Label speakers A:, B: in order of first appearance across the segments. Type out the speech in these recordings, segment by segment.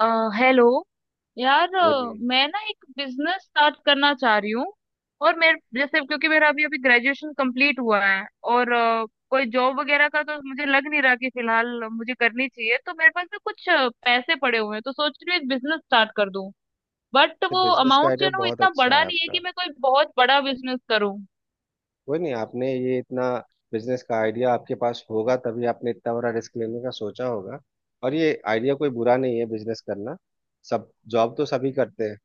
A: अ, hello यार,
B: बोलिए।
A: मैं ना एक बिजनेस स्टार्ट करना चाह रही हूँ। और मेरे जैसे, क्योंकि मेरा अभी अभी ग्रेजुएशन कंप्लीट हुआ है और कोई जॉब वगैरह का तो मुझे लग नहीं रहा कि फिलहाल मुझे करनी चाहिए। तो मेरे पास ना कुछ पैसे पड़े हुए हैं, तो सोच रही हूँ एक बिजनेस स्टार्ट कर दूँ। बट वो
B: बिजनेस का
A: अमाउंट जो
B: आइडिया
A: है ना, वो
B: बहुत
A: इतना
B: अच्छा
A: बड़ा
B: है
A: नहीं है
B: आपका।
A: कि मैं कोई बहुत बड़ा बिजनेस करूँ।
B: कोई नहीं, आपने ये इतना, बिजनेस का आइडिया आपके पास होगा तभी आपने इतना बड़ा रिस्क लेने का सोचा होगा। और ये आइडिया कोई बुरा नहीं है, बिजनेस करना। सब, जॉब तो सभी करते हैं,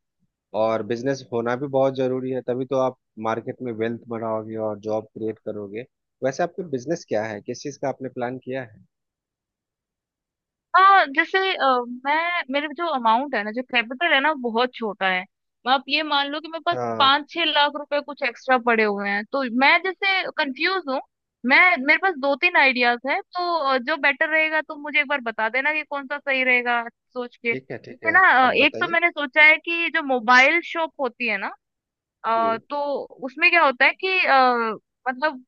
B: और बिजनेस होना भी बहुत जरूरी है, तभी तो आप मार्केट में वेल्थ बनाओगे और जॉब क्रिएट करोगे। वैसे आपके बिजनेस क्या है, किस चीज़ का आपने प्लान किया है?
A: हाँ, जैसे, मैं मेरे जो अमाउंट है ना, जो कैपिटल है ना, वो बहुत छोटा है। आप ये मान लो कि मेरे पास
B: हाँ,
A: पाँच छह लाख रुपए कुछ एक्स्ट्रा पड़े हुए हैं, तो मैं जैसे कंफ्यूज हूँ। मैं, मेरे पास दो तीन आइडियाज हैं, तो जो बेटर रहेगा तुम मुझे एक बार बता देना कि कौन सा सही रहेगा, सोच के
B: ठीक है ठीक
A: जैसे
B: है,
A: ना।
B: अब
A: एक तो
B: बताइए।
A: मैंने सोचा है कि जो मोबाइल शॉप होती है ना अ,
B: जी।
A: तो उसमें क्या होता है कि मतलब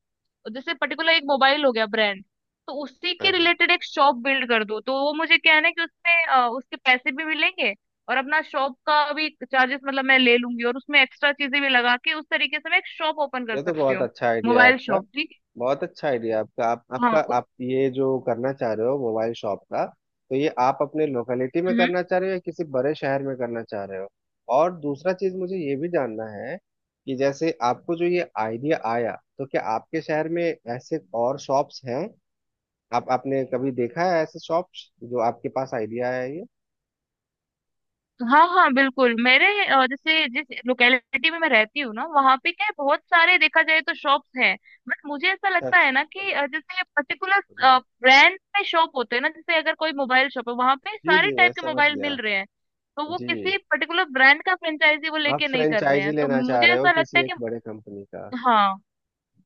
A: जैसे पर्टिकुलर एक मोबाइल हो गया ब्रांड, तो उसी के
B: अरे,
A: रिलेटेड एक शॉप बिल्ड कर दो, तो वो मुझे क्या है ना कि उसमें, उसके पैसे भी मिलेंगे और अपना शॉप का भी चार्जेस मतलब मैं ले लूंगी और उसमें एक्स्ट्रा चीजें भी लगा के उस तरीके से मैं एक शॉप ओपन कर
B: ये तो
A: सकती
B: बहुत
A: हूँ।
B: अच्छा आइडिया है
A: मोबाइल
B: आपका।
A: शॉप, ठीक
B: बहुत अच्छा आइडिया आपका। आप
A: है?
B: आपका
A: हाँ।
B: आप ये जो करना चाह रहे हो मोबाइल शॉप का, तो ये आप अपने लोकेलिटी में
A: उस
B: करना चाह रहे हो या किसी बड़े शहर में करना चाह रहे हो? और दूसरा चीज मुझे ये भी जानना है कि जैसे आपको जो ये आइडिया आया, तो क्या आपके शहर में ऐसे और शॉप्स हैं? आप आपने कभी देखा है ऐसे शॉप्स जो आपके पास आइडिया आया है ये?
A: हाँ हाँ, बिल्कुल। मेरे, जैसे जिस लोकेलिटी में मैं रहती हूँ ना, वहाँ पे क्या है, बहुत सारे देखा जाए तो शॉप्स हैं। बट मुझे ऐसा लगता
B: अच्छा
A: है ना
B: अच्छा,
A: कि
B: हाँ,
A: अ, जैसे पर्टिकुलर
B: बढ़िया।
A: ब्रांड में शॉप होते हैं ना, जैसे अगर कोई मोबाइल शॉप है, वहाँ पे
B: जी
A: सारे
B: जी, मैं
A: टाइप के
B: समझ
A: मोबाइल मिल
B: गया।
A: रहे हैं, तो वो
B: जी।
A: किसी पर्टिकुलर ब्रांड का फ्रेंचाइजी वो
B: आप
A: लेके नहीं कर रहे
B: फ्रेंचाइजी
A: हैं, तो
B: लेना चाह
A: मुझे
B: रहे हो
A: ऐसा लगता है
B: किसी एक
A: कि
B: बड़े कंपनी का?
A: हाँ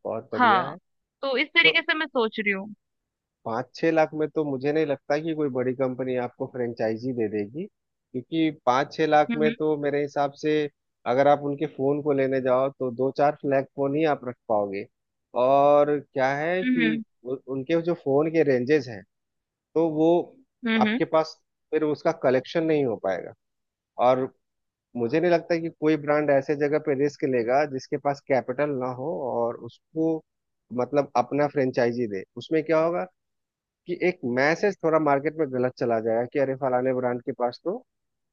B: बहुत बढ़िया
A: हाँ।
B: है।
A: तो इस
B: तो
A: तरीके से मैं सोच रही हूँ।
B: 5-6 लाख में तो मुझे नहीं लगता कि कोई बड़ी कंपनी आपको फ्रेंचाइजी दे देगी, क्योंकि 5-6 लाख में
A: हम्म
B: तो मेरे हिसाब से अगर आप उनके फोन को लेने जाओ तो दो चार फ्लैग फोन ही आप रख पाओगे। और क्या है कि
A: हम्म
B: उनके जो फोन के रेंजेस हैं, तो वो
A: हम्म हम्म
B: आपके पास, फिर उसका कलेक्शन नहीं हो पाएगा। और मुझे नहीं लगता कि कोई ब्रांड ऐसे जगह पे रिस्क लेगा जिसके पास कैपिटल ना हो, और उसको, मतलब अपना फ्रेंचाइजी दे। उसमें क्या होगा कि एक मैसेज थोड़ा मार्केट में गलत चला जाएगा कि अरे, फलाने ब्रांड के पास तो,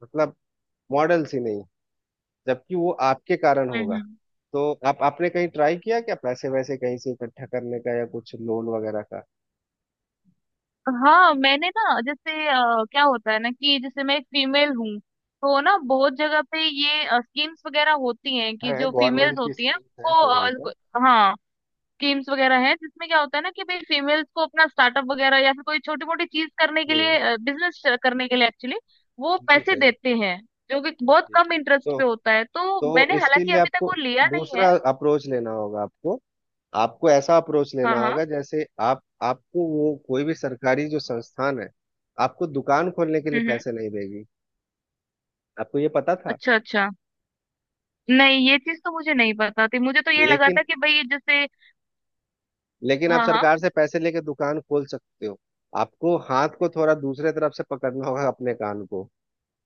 B: मतलब, मॉडल्स ही नहीं, जबकि वो आपके कारण
A: हम्म
B: होगा।
A: हम्म
B: तो आप आपने कहीं ट्राई किया क्या, पैसे वैसे कहीं से इकट्ठा करने का या कुछ लोन वगैरह का?
A: हाँ, मैंने ना, जैसे, क्या होता है ना, कि जैसे मैं एक फीमेल हूँ, तो ना बहुत जगह पे ये स्कीम्स वगैरह होती हैं कि
B: है,
A: जो फीमेल्स
B: गवर्नमेंट की
A: होती हैं
B: स्कीम है फेवल
A: उनको
B: का।
A: अ, हाँ, स्कीम्स वगैरह हैं, जिसमें क्या होता है ना कि भाई फीमेल्स को अपना स्टार्टअप वगैरह या फिर कोई छोटी मोटी चीज करने के
B: जी,
A: लिए, बिजनेस करने के लिए एक्चुअली वो
B: बिल्कुल
A: पैसे
B: सही।
A: देते हैं, जो कि बहुत
B: जी।
A: कम इंटरेस्ट
B: तो
A: पे होता है। तो
B: तो
A: मैंने
B: इसके
A: हालांकि
B: लिए
A: अभी तक
B: आपको
A: वो लिया नहीं
B: दूसरा
A: है।
B: अप्रोच लेना होगा। आपको, आपको ऐसा अप्रोच
A: हाँ
B: लेना
A: हाँ।
B: होगा जैसे, आप, आपको वो कोई भी सरकारी जो संस्थान है, आपको दुकान खोलने के लिए
A: हम्म
B: पैसे
A: हम्म
B: नहीं देगी। आपको ये पता था?
A: अच्छा अच्छा, नहीं ये चीज तो मुझे नहीं पता थी, मुझे तो ये लगा
B: लेकिन,
A: था कि भाई जैसे
B: लेकिन आप
A: हाँ हाँ।
B: सरकार से पैसे लेके दुकान खोल सकते हो। आपको हाथ को थोड़ा दूसरे तरफ से पकड़ना होगा अपने कान को।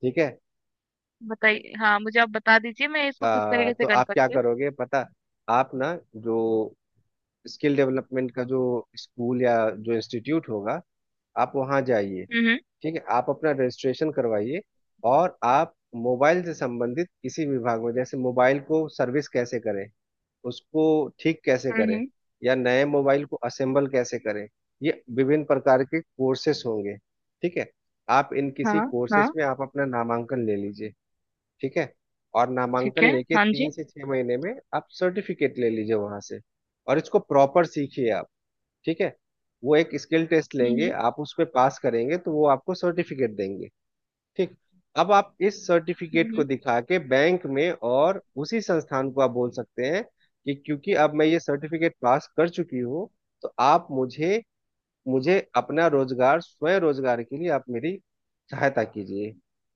B: ठीक है।
A: बताइए, हाँ, मुझे आप बता दीजिए मैं इसको किस तरीके से
B: तो
A: कर
B: आप क्या
A: सकती हूँ।
B: करोगे पता? आप ना, जो स्किल डेवलपमेंट का जो स्कूल या जो इंस्टीट्यूट होगा, आप वहाँ जाइए।
A: हम्म
B: ठीक है, आप अपना रजिस्ट्रेशन करवाइए। और आप मोबाइल से संबंधित किसी विभाग में, जैसे मोबाइल को सर्विस कैसे करें, उसको ठीक कैसे
A: हम्म
B: करें,
A: हम्म,
B: या नए मोबाइल को असेंबल कैसे करें, ये विभिन्न प्रकार के कोर्सेस होंगे। ठीक है। आप इन
A: हाँ
B: किसी कोर्सेस
A: हाँ।
B: में आप अपना नामांकन ले लीजिए। ठीक है। और
A: ठीक
B: नामांकन
A: है।
B: लेके
A: हाँ जी।
B: 3 से 6 महीने में आप सर्टिफिकेट ले लीजिए वहां से। और इसको प्रॉपर सीखिए आप। ठीक है। वो एक स्किल टेस्ट लेंगे,
A: हम्म
B: आप उस पे पास करेंगे तो वो आपको सर्टिफिकेट देंगे। ठीक। अब आप इस
A: हम्म
B: सर्टिफिकेट को
A: हम्म,
B: दिखा के बैंक में और उसी संस्थान को आप बोल सकते हैं कि क्योंकि अब मैं ये सर्टिफिकेट पास कर चुकी हूँ, तो आप मुझे, मुझे अपना रोजगार, स्वयं रोजगार के लिए आप मेरी सहायता कीजिए,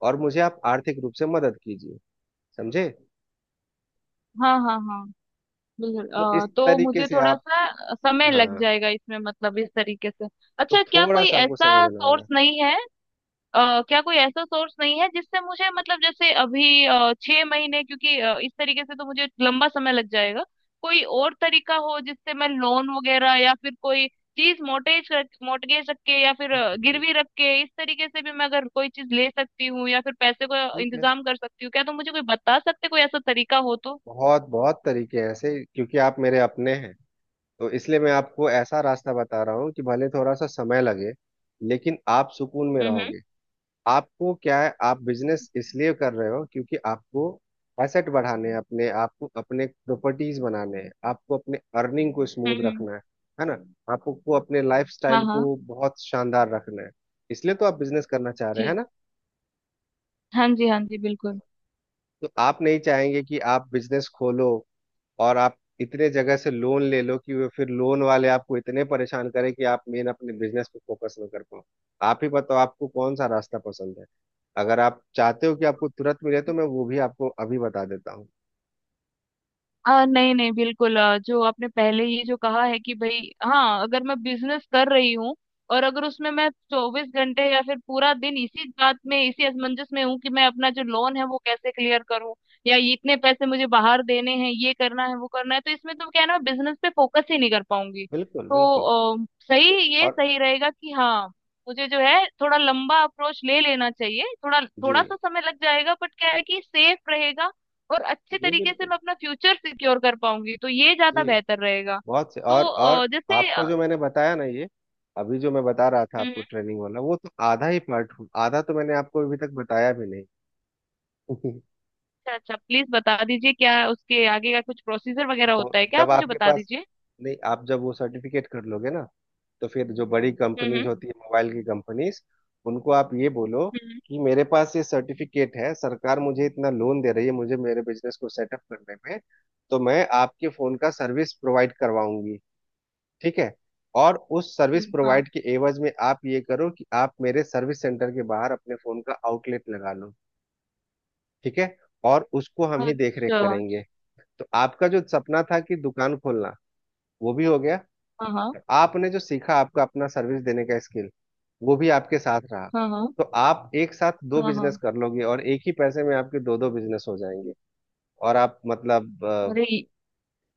B: और मुझे आप आर्थिक रूप से मदद कीजिए। समझे?
A: हाँ हाँ हाँ, बिल्कुल।
B: तो इस
A: तो
B: तरीके
A: मुझे
B: से
A: थोड़ा
B: आप,
A: सा समय लग
B: हाँ,
A: जाएगा इसमें, मतलब इस तरीके से।
B: तो
A: अच्छा, क्या
B: थोड़ा
A: कोई
B: सा आपको समझ
A: ऐसा
B: देना
A: सोर्स
B: होगा।
A: नहीं है, क्या कोई ऐसा सोर्स नहीं है जिससे मुझे, मतलब जैसे अभी, छह महीने क्योंकि, इस तरीके से तो मुझे लंबा समय लग जाएगा। कोई और तरीका हो जिससे मैं लोन वगैरह या फिर कोई चीज मोटेज रख मोटगेज रख के या फिर,
B: जी,
A: गिरवी रख के, इस तरीके से भी मैं अगर कोई चीज ले सकती हूँ या फिर पैसे को
B: ठीक है।
A: इंतजाम कर सकती हूँ, क्या तुम मुझे कोई बता सकते, कोई ऐसा तरीका हो तो।
B: बहुत बहुत तरीके हैं ऐसे, क्योंकि आप मेरे अपने हैं, तो इसलिए मैं आपको ऐसा रास्ता बता रहा हूँ कि भले थोड़ा सा समय लगे, लेकिन आप सुकून में
A: हम्म हम्म
B: रहोगे। आपको क्या है, आप बिजनेस इसलिए कर रहे हो क्योंकि आपको एसेट बढ़ाने हैं अपने, आपको अपने प्रॉपर्टीज बनाने हैं, आपको अपने अर्निंग को
A: हम्म
B: स्मूथ
A: हम्म।
B: रखना है ना? आपको अपने
A: हाँ।
B: लाइफस्टाइल
A: हाँ
B: को बहुत शानदार रखना है, इसलिए तो आप बिजनेस करना चाह रहे हैं, है
A: जी।
B: ना?
A: हाँ जी। हाँ जी, बिल्कुल।
B: तो आप नहीं चाहेंगे कि आप बिजनेस खोलो और आप इतने जगह से लोन ले लो कि वो फिर लोन वाले आपको इतने परेशान करें कि आप मेन अपने बिजनेस पे फोकस ना कर पाओ। आप ही बताओ आपको कौन सा रास्ता पसंद है? अगर आप चाहते हो कि आपको तुरंत मिले, तो मैं वो भी आपको अभी बता देता हूँ।
A: नहीं नहीं, बिल्कुल, जो आपने पहले ये जो कहा है कि भाई, हाँ, अगर मैं बिजनेस कर रही हूँ और अगर उसमें मैं चौबीस घंटे या फिर पूरा दिन इसी बात में, इसी असमंजस में हूँ कि मैं अपना जो लोन है वो कैसे क्लियर करूँ या ये इतने पैसे मुझे बाहर देने हैं, ये करना है वो करना है, तो इसमें तो क्या है ना, मैं बिजनेस पे फोकस ही नहीं कर पाऊंगी।
B: बिल्कुल
A: तो
B: बिल्कुल।
A: आ, सही, ये
B: और
A: सही रहेगा कि हाँ, मुझे जो है थोड़ा लंबा अप्रोच ले लेना चाहिए, थोड़ा
B: जी,
A: थोड़ा सा समय लग जाएगा बट क्या है कि सेफ रहेगा और अच्छे
B: जी
A: तरीके से
B: बिल्कुल।
A: मैं अपना फ्यूचर सिक्योर कर पाऊंगी, तो ये ज्यादा
B: जी।
A: बेहतर रहेगा।
B: बहुत से।
A: तो
B: और
A: अ, जैसे
B: आपको
A: अ,
B: जो मैंने बताया ना, ये अभी जो मैं बता रहा था
A: हम्म, हम्म,
B: आपको ट्रेनिंग वाला, वो तो आधा ही पार्ट। आधा तो मैंने आपको अभी तक बताया भी नहीं।
A: अच्छा अच्छा, प्लीज बता दीजिए, क्या उसके आगे का कुछ प्रोसीजर वगैरह
B: तो
A: होता है, क्या आप
B: जब
A: मुझे
B: आपके
A: बता
B: पास,
A: दीजिए।
B: नहीं, आप जब वो सर्टिफिकेट कर लोगे ना, तो फिर जो बड़ी
A: हम्म
B: कंपनीज
A: हम्म
B: होती है मोबाइल की कंपनीज, उनको आप ये बोलो
A: हम्म,
B: कि मेरे पास ये सर्टिफिकेट है, सरकार मुझे इतना लोन दे रही है मुझे मेरे बिजनेस को सेटअप करने में, तो मैं आपके फोन का सर्विस प्रोवाइड करवाऊंगी। ठीक है। और उस सर्विस
A: हाँ।
B: प्रोवाइड के एवज में आप ये करो कि आप मेरे सर्विस सेंटर के बाहर अपने फोन का आउटलेट लगा लो। ठीक है। और उसको हम ही देख रेख
A: अच्छा अच्छा,
B: करेंगे। तो आपका जो सपना था कि दुकान खोलना, वो भी हो गया।
A: हाँ हाँ।
B: आपने जो सीखा, आपका अपना सर्विस देने का स्किल, वो भी आपके साथ रहा।
A: हाँ हाँ।
B: तो आप एक साथ दो
A: हाँ
B: बिजनेस
A: हाँ।
B: कर लोगे, और एक ही पैसे में आपके दो दो बिजनेस हो जाएंगे। और आप, मतलब,
A: अरे,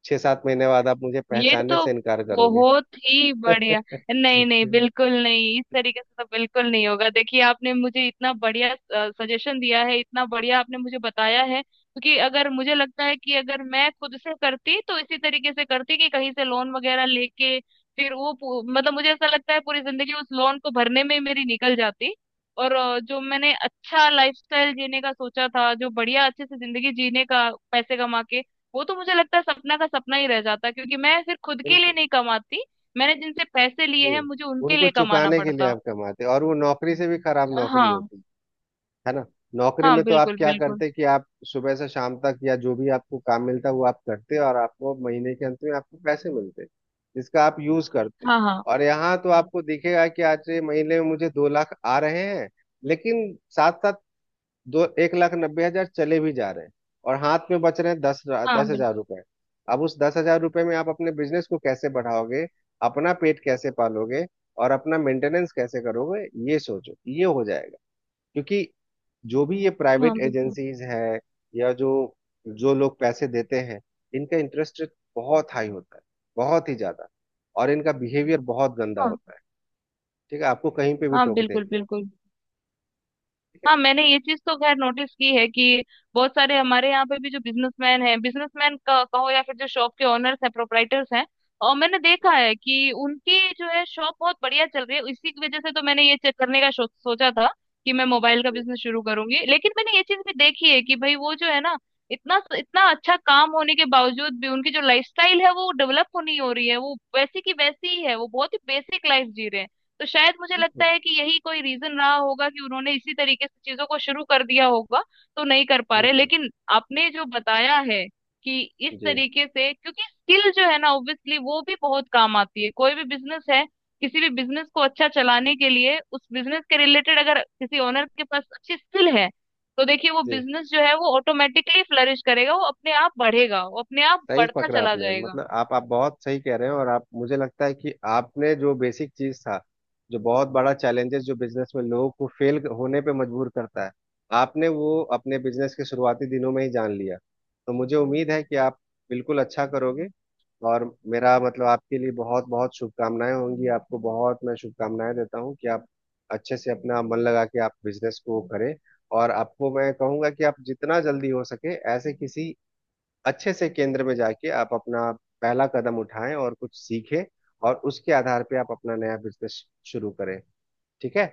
B: 6-7 महीने बाद आप मुझे
A: ये
B: पहचानने
A: तो
B: से इनकार करोगे।
A: बहुत ही बढ़िया। नहीं नहीं,
B: बिल्कुल।
A: बिल्कुल नहीं, इस तरीके से तो बिल्कुल नहीं होगा। देखिए, आपने मुझे इतना बढ़िया सजेशन दिया है, इतना बढ़िया आपने मुझे बताया है, क्योंकि अगर मुझे लगता है कि अगर मैं खुद से करती तो इसी तरीके से करती, कि कहीं से लोन वगैरह लेके, फिर वो मतलब मुझे ऐसा लगता है पूरी जिंदगी उस लोन को भरने में ही मेरी निकल जाती। और, जो मैंने अच्छा लाइफस्टाइल जीने का सोचा था, जो बढ़िया अच्छे से जिंदगी जीने का पैसे कमा के, वो तो मुझे लगता है सपना का सपना ही रह जाता, क्योंकि मैं फिर खुद के लिए नहीं कमाती, मैंने जिनसे पैसे लिए हैं
B: जी।
A: मुझे उनके
B: उनको
A: लिए कमाना
B: चुकाने के लिए
A: पड़ता।
B: आप कमाते, और वो नौकरी से भी खराब नौकरी
A: हाँ
B: होती। है ना? नौकरी
A: हाँ।
B: में तो आप
A: बिल्कुल
B: क्या
A: बिल्कुल।
B: करते कि आप सुबह से शाम तक या जो भी आपको काम मिलता वो आप करते, और आपको महीने के अंत में आपको पैसे मिलते, जिसका आप यूज करते।
A: हाँ हाँ
B: और यहाँ तो आपको दिखेगा कि आज ये महीने में मुझे 2 लाख आ रहे हैं, लेकिन साथ साथ दो, 1,90,000 चले भी जा रहे हैं, और हाथ में बच रहे हैं दस
A: हाँ,
B: दस
A: बिल्कुल।
B: हजार रुपए। अब उस 10 हजार रुपए में आप अपने बिजनेस को कैसे बढ़ाओगे? अपना पेट कैसे पालोगे? और अपना मेंटेनेंस कैसे करोगे? ये सोचो, ये हो जाएगा। क्योंकि जो भी ये
A: हाँ,
B: प्राइवेट
A: बिल्कुल।
B: एजेंसीज हैं, या जो, जो लोग पैसे देते हैं, इनका इंटरेस्ट रेट बहुत हाई होता है, बहुत ही ज्यादा, और इनका बिहेवियर बहुत गंदा
A: हाँ
B: होता है। ठीक है, आपको कहीं पे भी
A: हाँ,
B: टोक देंगे।
A: बिल्कुल बिल्कुल।
B: ठीक है।
A: हाँ, मैंने ये चीज तो खैर नोटिस की है कि बहुत सारे हमारे यहाँ पे भी जो बिजनेसमैन हैं, बिजनेसमैन का कहो या फिर जो शॉप के ओनर्स हैं, प्रोपराइटर्स हैं, और मैंने देखा है कि उनकी जो है शॉप बहुत बढ़िया चल रही है, इसी की वजह से तो मैंने ये चेक करने का सोचा था कि मैं मोबाइल का बिजनेस शुरू करूंगी। लेकिन मैंने ये चीज भी देखी है कि भाई वो जो है ना, इतना इतना अच्छा काम होने के बावजूद भी उनकी जो लाइफस्टाइल है वो डेवलप होनी हो रही है, वो वैसी की वैसी ही है, वो बहुत ही बेसिक लाइफ जी रहे हैं। तो शायद मुझे लगता
B: बिल्कुल
A: है कि यही कोई रीजन रहा होगा कि उन्होंने इसी तरीके से चीजों को शुरू कर दिया होगा, तो नहीं कर पा रहे।
B: बिल्कुल।
A: लेकिन आपने जो बताया है कि इस
B: जी,
A: तरीके से, क्योंकि स्किल जो है ना ऑब्वियसली वो भी बहुत काम आती है, कोई भी बिजनेस है, किसी भी बिजनेस को अच्छा चलाने के लिए उस बिजनेस के रिलेटेड अगर किसी ओनर के पास अच्छी स्किल है, तो देखिए वो
B: जी।
A: बिजनेस जो है वो ऑटोमेटिकली फ्लरिश करेगा, वो अपने आप बढ़ेगा, वो अपने आप
B: सही
A: बढ़ता
B: पकड़ा
A: चला
B: आपने,
A: जाएगा।
B: मतलब आप बहुत सही कह रहे हैं, और आप, मुझे लगता है कि आपने जो बेसिक चीज था, जो बहुत बड़ा चैलेंजेस जो बिजनेस में लोगों को फेल होने पे मजबूर करता है, आपने वो अपने बिजनेस के शुरुआती दिनों में ही जान लिया। तो मुझे उम्मीद है कि आप बिल्कुल अच्छा करोगे। और मेरा मतलब, आपके लिए बहुत बहुत शुभकामनाएं होंगी, आपको बहुत मैं शुभकामनाएं देता हूँ कि आप अच्छे से अपना मन लगा के आप बिजनेस को करें। और आपको मैं कहूंगा कि आप जितना जल्दी हो सके ऐसे किसी अच्छे से केंद्र में जाके आप अपना पहला कदम उठाएं और कुछ सीखें, और उसके आधार पे आप अपना नया बिजनेस शुरू करें। ठीक है।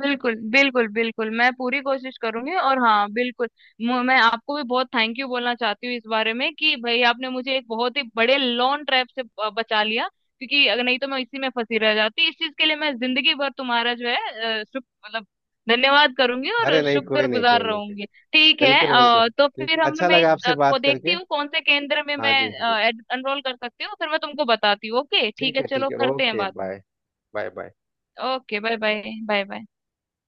A: बिल्कुल बिल्कुल बिल्कुल, मैं पूरी कोशिश करूंगी, और हाँ, बिल्कुल। मैं आपको भी बहुत थैंक यू बोलना चाहती हूँ इस बारे में, कि भाई आपने मुझे एक बहुत ही बड़े लॉन्ग ट्रैप से बचा लिया, क्योंकि अगर नहीं तो मैं इसी में फंसी रह जाती। इस चीज के लिए मैं जिंदगी भर तुम्हारा जो है, शुभ, मतलब धन्यवाद करूंगी
B: अरे
A: और
B: नहीं, कोई
A: शुक्र
B: नहीं,
A: गुजार
B: कोई नहीं, कोई,
A: रहूंगी। ठीक है
B: बिल्कुल बिल्कुल,
A: अ, तो
B: ठीक है,
A: फिर हम
B: अच्छा
A: मैं इस
B: लगा आपसे
A: अ, को
B: बात
A: देखती
B: करके।
A: हूँ कौन से केंद्र में
B: हाँ
A: मैं
B: जी, बिल्कुल।
A: एनरोल कर सकती हूँ, फिर मैं तुमको बताती हूँ। ओके, ठीक
B: ठीक
A: है,
B: है, ठीक
A: चलो
B: है,
A: करते हैं
B: ओके,
A: बात।
B: Bye. Bye bye.
A: Okay bye bye. Bye bye.